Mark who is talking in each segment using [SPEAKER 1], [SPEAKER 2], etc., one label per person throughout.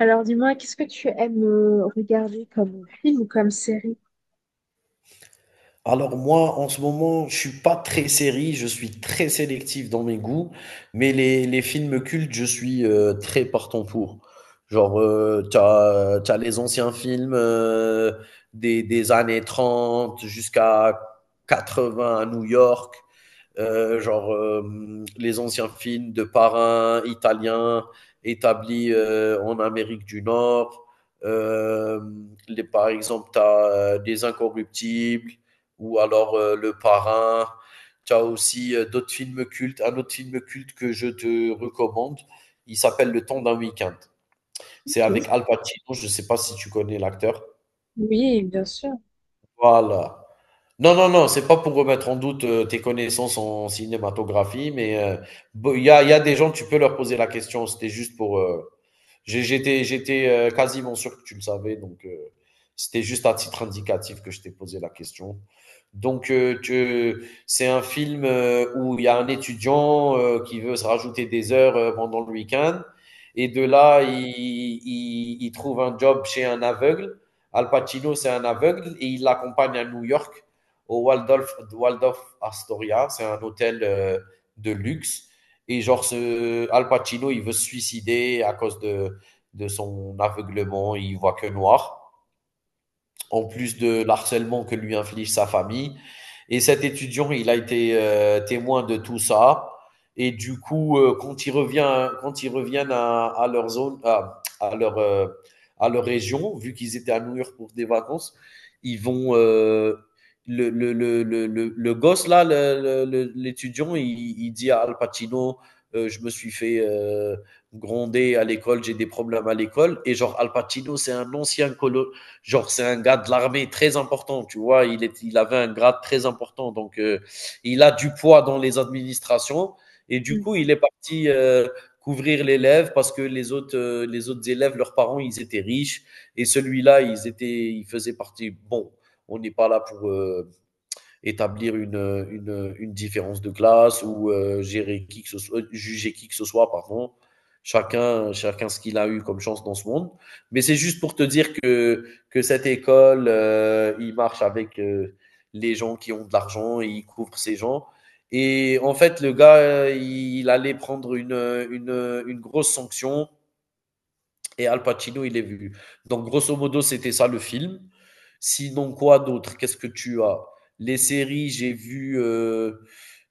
[SPEAKER 1] Alors dis-moi, qu'est-ce que tu aimes regarder comme film ou comme série?
[SPEAKER 2] Alors moi, en ce moment, je suis pas très série, je suis très sélectif dans mes goûts, mais les films cultes, je suis très partant pour. Genre, t'as les anciens films des années 30 jusqu'à 80 à New York, les anciens films de parrains italiens établis en Amérique du Nord. Euh, Par exemple, tu as Les Incorruptibles ou alors Le Parrain. Tu as aussi d'autres films cultes. Un autre film culte que je te recommande, il s'appelle Le Temps d'un week-end. C'est
[SPEAKER 1] Ok.
[SPEAKER 2] avec Al Pacino, je ne sais pas si tu connais l'acteur.
[SPEAKER 1] Oui, bien sûr.
[SPEAKER 2] Voilà. Non, non, non, c'est pas pour remettre en doute, tes connaissances en cinématographie, mais, bo il y a des gens, tu peux leur poser la question. C'était juste pour, j'étais, quasiment sûr que tu le savais, donc c'était juste à titre indicatif que je t'ai posé la question. Donc, c'est un film où il y a un étudiant qui veut se rajouter des heures pendant le week-end. Et de là, trouve un job chez un aveugle. Al Pacino, c'est un aveugle et il l'accompagne à New York, au Waldorf, Waldorf Astoria. C'est un hôtel de luxe. Et genre, Al Pacino, il veut se suicider à cause de son aveuglement, il voit que noir, en plus de l'harcèlement que lui inflige sa famille. Et cet étudiant, il a été témoin de tout ça. Et du coup, quand ils reviennent, à leur zone, à leur région, vu qu'ils étaient à New York pour des vacances, ils vont. Le gosse, là, l'étudiant, il dit à Al Pacino, je me suis fait gronder à l'école, j'ai des problèmes à l'école. Et genre, Al Pacino, c'est un genre, c'est un gars de l'armée très important, tu vois. Il avait un grade très important. Donc, il a du poids dans les administrations. Et du
[SPEAKER 1] Mm.
[SPEAKER 2] coup, il est parti couvrir l'élève parce que les autres élèves, leurs parents, ils étaient riches. Et celui-là, ils faisaient partie. Bon, on n'est pas là pour. Établir une différence de classe ou gérer qui que ce soit, juger qui que ce soit, pardon. Chacun ce qu'il a eu comme chance dans ce monde. Mais c'est juste pour te dire que cette école, il marche avec les gens qui ont de l'argent et il couvre ces gens. Et en fait, le gars, allait prendre une grosse sanction, et Al Pacino, il est vu. Donc, grosso modo, c'était ça le film. Sinon, quoi d'autre? Qu'est-ce que tu as? Les séries,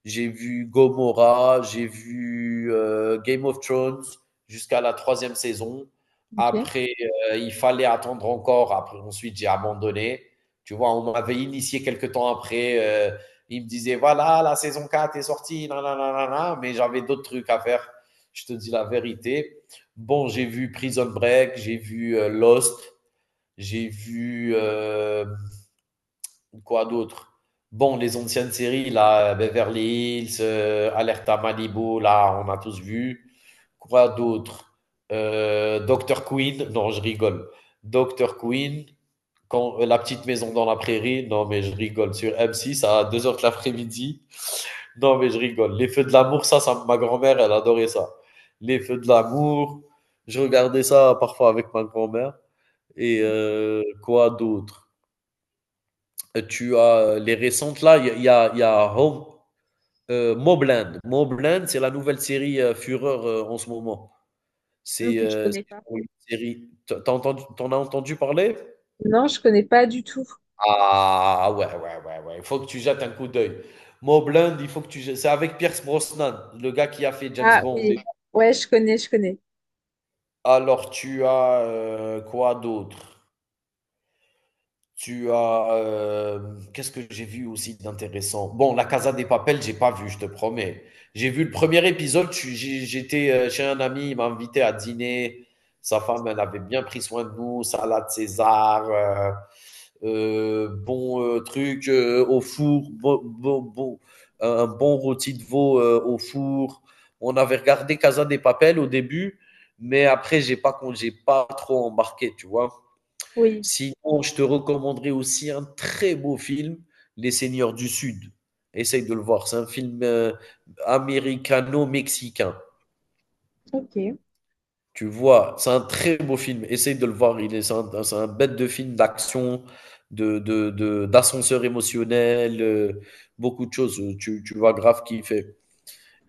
[SPEAKER 2] j'ai vu Gomorrah, j'ai vu Game of Thrones jusqu'à la troisième saison.
[SPEAKER 1] Ok.
[SPEAKER 2] Après, il fallait attendre encore. Après, ensuite, j'ai abandonné. Tu vois, on m'avait initié quelques temps après. Il me disait, voilà, la saison 4 est sortie, nanana, nanana, mais j'avais d'autres trucs à faire. Je te dis la vérité. Bon, j'ai vu Prison Break, j'ai vu Lost, j'ai vu quoi d'autre? Bon, les anciennes séries, là, Beverly Hills, Alerta Malibu, là, on a tous vu. Quoi d'autre? Dr. Queen, non, je rigole. Dr. Queen, quand, La Petite Maison dans la Prairie, non, mais je rigole. Sur M6 à deux heures de l'après-midi, non, mais je rigole. Les feux de l'amour, ma grand-mère, elle adorait ça. Les feux de l'amour, je regardais ça parfois avec ma grand-mère. Et quoi d'autre? Tu as les récentes là, il y a, il y a Home, Mobland. Mobland, c'est la nouvelle série Fureur en ce moment.
[SPEAKER 1] Ok, je
[SPEAKER 2] C'est
[SPEAKER 1] connais pas.
[SPEAKER 2] une série. T'as entendu, t'en as entendu parler?
[SPEAKER 1] Non, je connais pas du tout.
[SPEAKER 2] Ah ouais, ouais, ouais, ouais. Il faut que tu jettes un coup d'œil. Mobland, il faut que tu jettes. C'est avec Pierce Brosnan, le gars qui a fait James
[SPEAKER 1] Ah
[SPEAKER 2] Bond.
[SPEAKER 1] oui. Ouais, je connais, je connais.
[SPEAKER 2] Alors, tu as, quoi d'autre? Tu as, qu'est-ce que j'ai vu aussi d'intéressant? Bon, La Casa des Papel, j'ai pas vu, je te promets. J'ai vu le premier épisode, je suis j'ai j'étais, chez un ami, il m'a invité à dîner. Sa femme, elle avait bien pris soin de nous, salade César, bon truc au four, un bon rôti de veau au four. On avait regardé Casa des Papel au début, mais après, j'ai pas trop embarqué, tu vois.
[SPEAKER 1] Oui.
[SPEAKER 2] Sinon, je te recommanderais aussi un très beau film, Les Seigneurs du Sud. Essaye de le voir. C'est un film américano-mexicain.
[SPEAKER 1] Ok.
[SPEAKER 2] Tu vois, c'est un très beau film. Essaye de le voir. C'est un, c'est un bête de film d'action, d'ascenseur émotionnel, beaucoup de choses. Tu vas grave kiffer.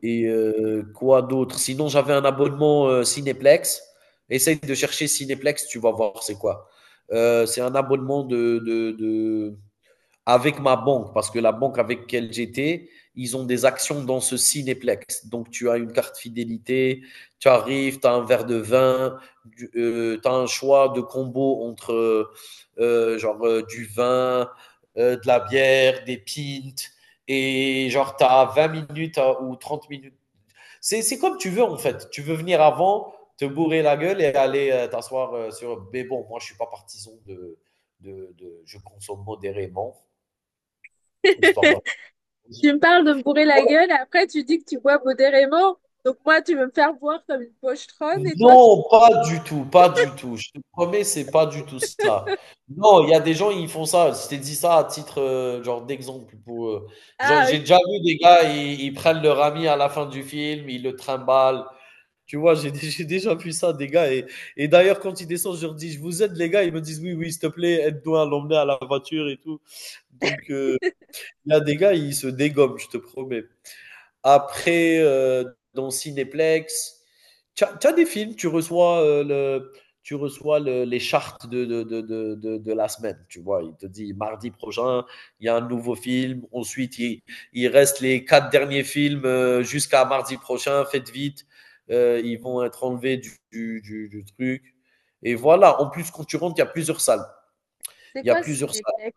[SPEAKER 2] Et quoi d'autre? Sinon, j'avais un abonnement Cinéplex. Essaye de chercher Cinéplex, tu vas voir c'est quoi. C'est un abonnement avec ma banque, parce que la banque avec laquelle j'étais, ils ont des actions dans ce cinéplex. Donc, tu as une carte fidélité, tu arrives, tu as un verre de vin, tu as un choix de combo entre du vin, de la bière, des pintes, et genre tu as 20 minutes ou 30 minutes. C'est comme tu veux en fait. Tu veux venir avant, te bourrer la gueule et aller t'asseoir sur. Mais bon, moi je ne suis pas partisan de je consomme modérément. Histoire d'un.
[SPEAKER 1] Tu me parles de me bourrer la gueule, après tu dis que tu bois modérément. Donc moi, tu veux me faire boire comme une pochetronne et toi, tu...
[SPEAKER 2] Non, pas du tout, pas du tout. Je te promets, c'est pas du tout ça. Non, il y a des gens, ils font ça. Je t'ai dit ça à titre genre d'exemple, pour, genre,
[SPEAKER 1] Ah,
[SPEAKER 2] j'ai déjà
[SPEAKER 1] ok.
[SPEAKER 2] vu des gars, ils prennent leur ami à la fin du film, ils le trimballent. Tu vois, j'ai déjà vu ça, des gars. Et d'ailleurs, quand ils descendent, je leur dis, je vous aide, les gars. Ils me disent, oui, oui, s'il te plaît, aide-nous à l'emmener à la voiture et tout. Donc, il y a des gars, ils se dégomment, je te promets. Après, dans Cinéplex, tu as des films, tu reçois, le tu reçois le les chartes de la semaine, tu vois? Il te dit: «Mardi prochain, il y a un nouveau film». Ensuite, il reste les 4 derniers films, jusqu'à mardi prochain, faites vite, ils vont être enlevés du truc, et voilà. En plus, quand tu rentres, il y a plusieurs salles.
[SPEAKER 1] C'est
[SPEAKER 2] Il y a
[SPEAKER 1] quoi
[SPEAKER 2] plusieurs salles.
[SPEAKER 1] Cinéplex?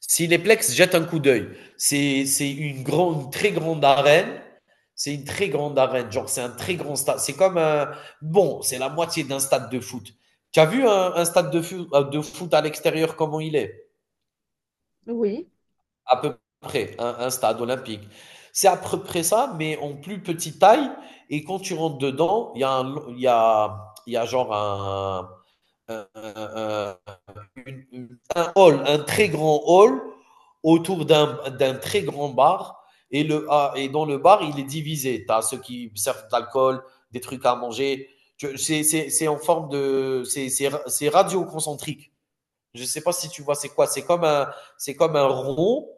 [SPEAKER 2] Si les Plex jettent un coup d'œil, c'est une, grande, une très grande arène. C'est une très grande arène. Genre, c'est un très grand stade. C'est comme un. Bon, c'est la moitié d'un stade de foot. Tu as vu un stade de foot à l'extérieur, comment il est.
[SPEAKER 1] Oui.
[SPEAKER 2] À peu près, un stade olympique. C'est à peu près ça, mais en plus petite taille. Et quand tu rentres dedans, il y a, il y a genre un, un- un- un hall, un très grand hall autour d'un très grand bar. Et, le, ah, et dans le bar, il est divisé. Tu as ceux qui servent de l'alcool, des trucs à manger. C'est en forme de. C'est radio concentrique. Je ne sais pas si tu vois c'est quoi. C'est comme un rond,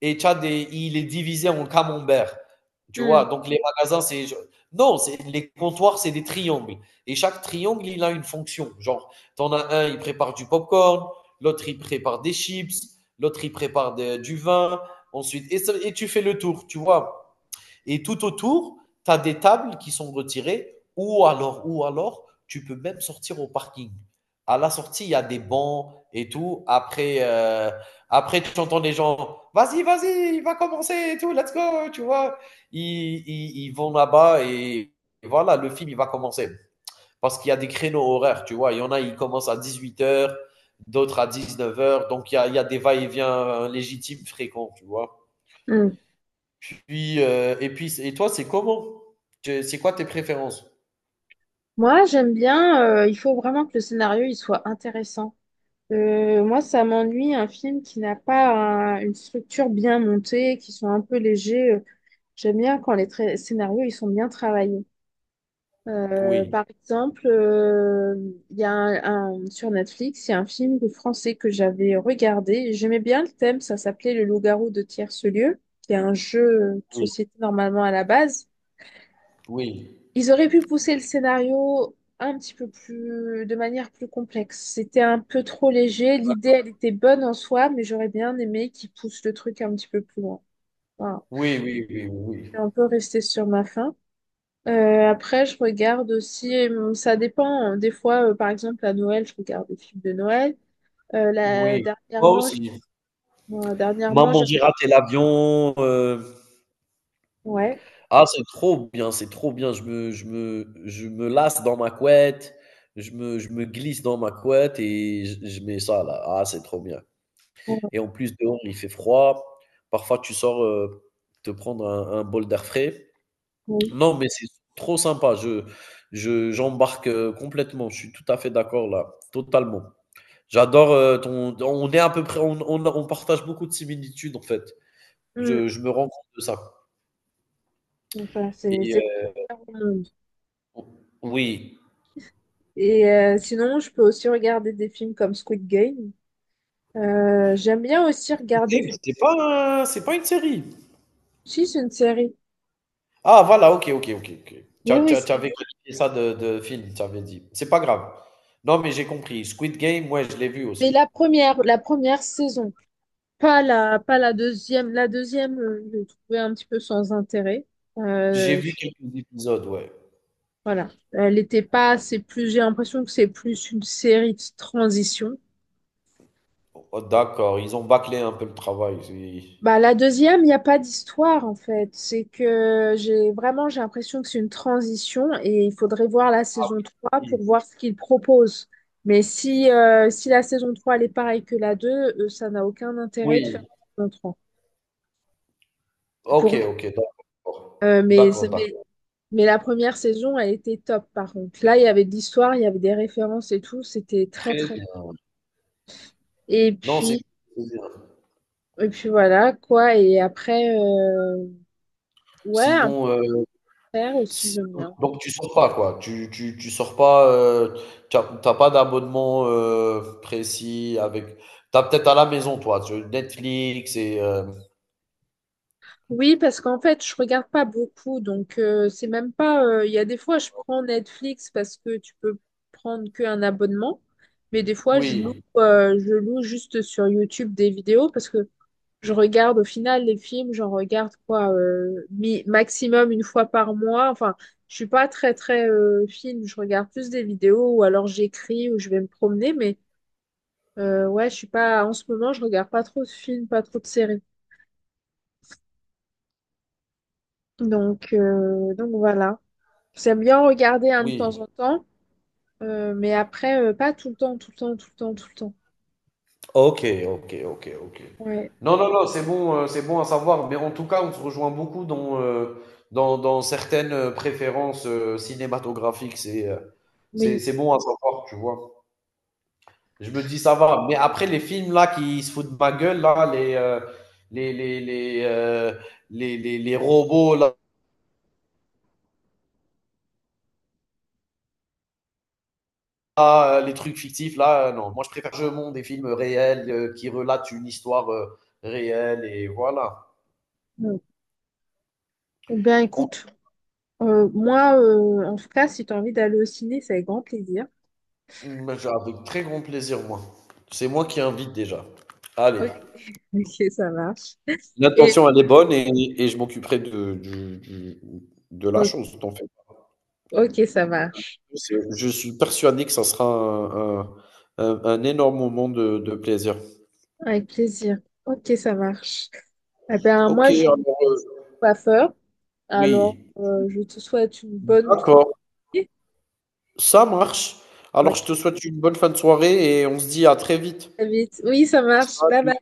[SPEAKER 2] et tu as des, il est divisé en camembert. Tu vois,
[SPEAKER 1] Mm,
[SPEAKER 2] donc les magasins, c'est. Non, les comptoirs, c'est des triangles. Et chaque triangle, il a une fonction. Genre, t'en as un, il prépare du popcorn, l'autre, il prépare des chips, l'autre, du vin, ensuite. Et, et tu fais le tour, tu vois. Et tout autour, tu as des tables qui sont retirées, ou alors, tu peux même sortir au parking. À la sortie, il y a des bancs et tout. Après, après tu entends les gens, vas-y, vas-y, il va commencer et tout, let's go, tu vois. Ils vont là-bas et voilà, le film, il va commencer. Parce qu'il y a des créneaux horaires, tu vois. Il y en a, ils commencent à 18 heures, d'autres à 19 heures. Donc, il y a des va-et-vient légitimes, fréquents, tu vois.
[SPEAKER 1] mm.
[SPEAKER 2] Puis, et puis, et toi, c'est comment? Tu c'est quoi tes préférences?
[SPEAKER 1] Moi, j'aime bien, il faut vraiment que le scénario il soit intéressant. Moi, ça m'ennuie un film qui n'a pas une structure bien montée, qui sont un peu légers. J'aime bien quand les scénarios ils sont bien travaillés.
[SPEAKER 2] Oui,
[SPEAKER 1] Par exemple, il y a sur Netflix, il y a un film de français que j'avais regardé. J'aimais bien le thème, ça s'appelait Le Loup-garou de tierce-lieu, qui est un jeu de
[SPEAKER 2] oui,
[SPEAKER 1] société normalement à la base.
[SPEAKER 2] oui.
[SPEAKER 1] Ils auraient pu pousser le scénario un petit peu plus, de manière plus complexe. C'était un peu trop léger.
[SPEAKER 2] Bah,
[SPEAKER 1] L'idée, elle était bonne en soi, mais j'aurais bien aimé qu'ils poussent le truc un petit peu plus loin. Voilà.
[SPEAKER 2] oui, oui, oui, oui,
[SPEAKER 1] Je suis un peu restée sur ma faim. Après, je regarde aussi, ça dépend, hein. Des fois, par exemple, à Noël, je regarde des films de Noël. Là,
[SPEAKER 2] oui. Moi
[SPEAKER 1] dernièrement,
[SPEAKER 2] aussi.
[SPEAKER 1] moi, dernièrement,
[SPEAKER 2] Maman, j'ai raté l'avion,
[SPEAKER 1] ouais.
[SPEAKER 2] ah, c'est trop bien, c'est trop bien. Je me lasse dans ma couette, je me glisse dans ma couette et je mets ça là. Ah, c'est trop bien,
[SPEAKER 1] Ouais,
[SPEAKER 2] et en plus, dehors, il fait froid. Parfois, tu sors, te prendre un bol d'air frais.
[SPEAKER 1] ouais.
[SPEAKER 2] Non, mais c'est trop sympa. Je j'embarque, complètement. Je suis tout à fait d'accord là, totalement. J'adore, ton on est à peu près on partage beaucoup de similitudes en fait.
[SPEAKER 1] Hum.
[SPEAKER 2] Je me rends compte de ça
[SPEAKER 1] Enfin, c'est
[SPEAKER 2] et
[SPEAKER 1] c'est compliqué au monde.
[SPEAKER 2] o oui.
[SPEAKER 1] Et sinon, je peux aussi regarder des films comme Squid Game. J'aime bien aussi regarder.
[SPEAKER 2] Wicked, c'est pas un, c'est pas une série?
[SPEAKER 1] Si, c'est une série.
[SPEAKER 2] Ah voilà, OK, OK, OK, OK.
[SPEAKER 1] Oui, oui,
[SPEAKER 2] Tu
[SPEAKER 1] c'est
[SPEAKER 2] avais qualifié ça de film, tu avais dit. C'est pas grave. Non, mais j'ai compris. Squid Game, ouais, je l'ai vu
[SPEAKER 1] mais
[SPEAKER 2] aussi.
[SPEAKER 1] la première saison. Pas la, pas la deuxième. La deuxième, je l'ai trouvée un petit peu sans intérêt.
[SPEAKER 2] J'ai
[SPEAKER 1] Euh,
[SPEAKER 2] vu
[SPEAKER 1] je-
[SPEAKER 2] quelques épisodes, ouais.
[SPEAKER 1] voilà. Elle n'était pas, c'est plus, j'ai l'impression que c'est plus une série de transition.
[SPEAKER 2] Oh d'accord, ils ont bâclé un peu le travail, c'est.
[SPEAKER 1] Bah, la deuxième, il n'y a pas d'histoire en fait. C'est que j'ai vraiment j'ai l'impression que c'est une transition et il faudrait voir la
[SPEAKER 2] Ah
[SPEAKER 1] saison trois
[SPEAKER 2] oui,
[SPEAKER 1] pour voir ce qu'ils proposent. Mais si, si la saison 3 elle est pareille que la 2, ça n'a aucun intérêt de faire
[SPEAKER 2] oui.
[SPEAKER 1] une saison 3.
[SPEAKER 2] OK,
[SPEAKER 1] Pour moi.
[SPEAKER 2] OK, d'accord.
[SPEAKER 1] Euh, mais,
[SPEAKER 2] D'accord,
[SPEAKER 1] mais,
[SPEAKER 2] d'accord.
[SPEAKER 1] mais la première saison, elle était top par contre. Là, il y avait de l'histoire, il y avait des références et tout. C'était très
[SPEAKER 2] Très
[SPEAKER 1] très.
[SPEAKER 2] bien.
[SPEAKER 1] Et
[SPEAKER 2] Non, c'est
[SPEAKER 1] puis,
[SPEAKER 2] c'est bien.
[SPEAKER 1] et puis voilà quoi. Et après, ouais, un
[SPEAKER 2] Sinon,
[SPEAKER 1] peu de faire aussi,
[SPEAKER 2] si
[SPEAKER 1] j'aime
[SPEAKER 2] donc
[SPEAKER 1] bien.
[SPEAKER 2] donc tu sors pas quoi? Tu sors pas, tu as pas d'abonnement, précis avec t'as peut-être à la maison toi, tu Netflix et hem
[SPEAKER 1] Oui, parce qu'en fait, je regarde pas beaucoup, donc c'est même pas. Euh, il y a des fois, je prends Netflix parce que tu peux prendre qu'un abonnement, mais des fois,
[SPEAKER 2] oui,
[SPEAKER 1] je loue juste sur YouTube des vidéos parce que je regarde au final les films, j'en regarde quoi, maximum une fois par mois. Enfin, je suis pas très très film, je regarde plus des vidéos ou alors j'écris ou je vais me promener, mais ouais, je suis pas. En ce moment, je regarde pas trop de films, pas trop de séries, donc voilà. J'aime bien regarder un de temps
[SPEAKER 2] oui.
[SPEAKER 1] en temps, mais après, pas tout le temps, tout le temps, tout le temps, tout le temps.
[SPEAKER 2] Ok, ok, ok, ok.
[SPEAKER 1] Ouais,
[SPEAKER 2] Non, non, non, c'est bon à savoir. Mais en tout cas, on se rejoint beaucoup dans, dans certaines préférences cinématographiques.
[SPEAKER 1] oui.
[SPEAKER 2] C'est bon à savoir, tu vois. Je me dis, ça va. Mais après, les films là qui se foutent de ma gueule, là, les, les, les robots, là, les trucs fictifs, là, non. Moi, je préfère jeu monde des films réels qui relatent une histoire réelle, et voilà.
[SPEAKER 1] Ouais. Eh bien, écoute, moi, en tout cas, si tu as envie d'aller au ciné, c'est avec grand plaisir.
[SPEAKER 2] Mmh, bah, je avec très grand plaisir, moi. C'est moi qui invite déjà. Allez,
[SPEAKER 1] Ok, ok, ça marche. Et,
[SPEAKER 2] l'intention, elle est bonne, et je m'occuperai de du de la
[SPEAKER 1] ok,
[SPEAKER 2] chose, t'en fais pas
[SPEAKER 1] ok, ça marche.
[SPEAKER 2] plus, je suis persuadé que ça sera un un énorme moment de plaisir.
[SPEAKER 1] Avec plaisir. Ok, ça marche. Eh bien,
[SPEAKER 2] OK,
[SPEAKER 1] moi, je suis
[SPEAKER 2] alors, heu,
[SPEAKER 1] coiffeur, alors
[SPEAKER 2] oui,
[SPEAKER 1] je te souhaite une bonne fin.
[SPEAKER 2] d'accord, ça marche. Alors
[SPEAKER 1] Ok,
[SPEAKER 2] je te souhaite une bonne fin de soirée et on se dit à très vite.
[SPEAKER 1] à vite. Oui, ça marche. Bye
[SPEAKER 2] Salut.
[SPEAKER 1] bye.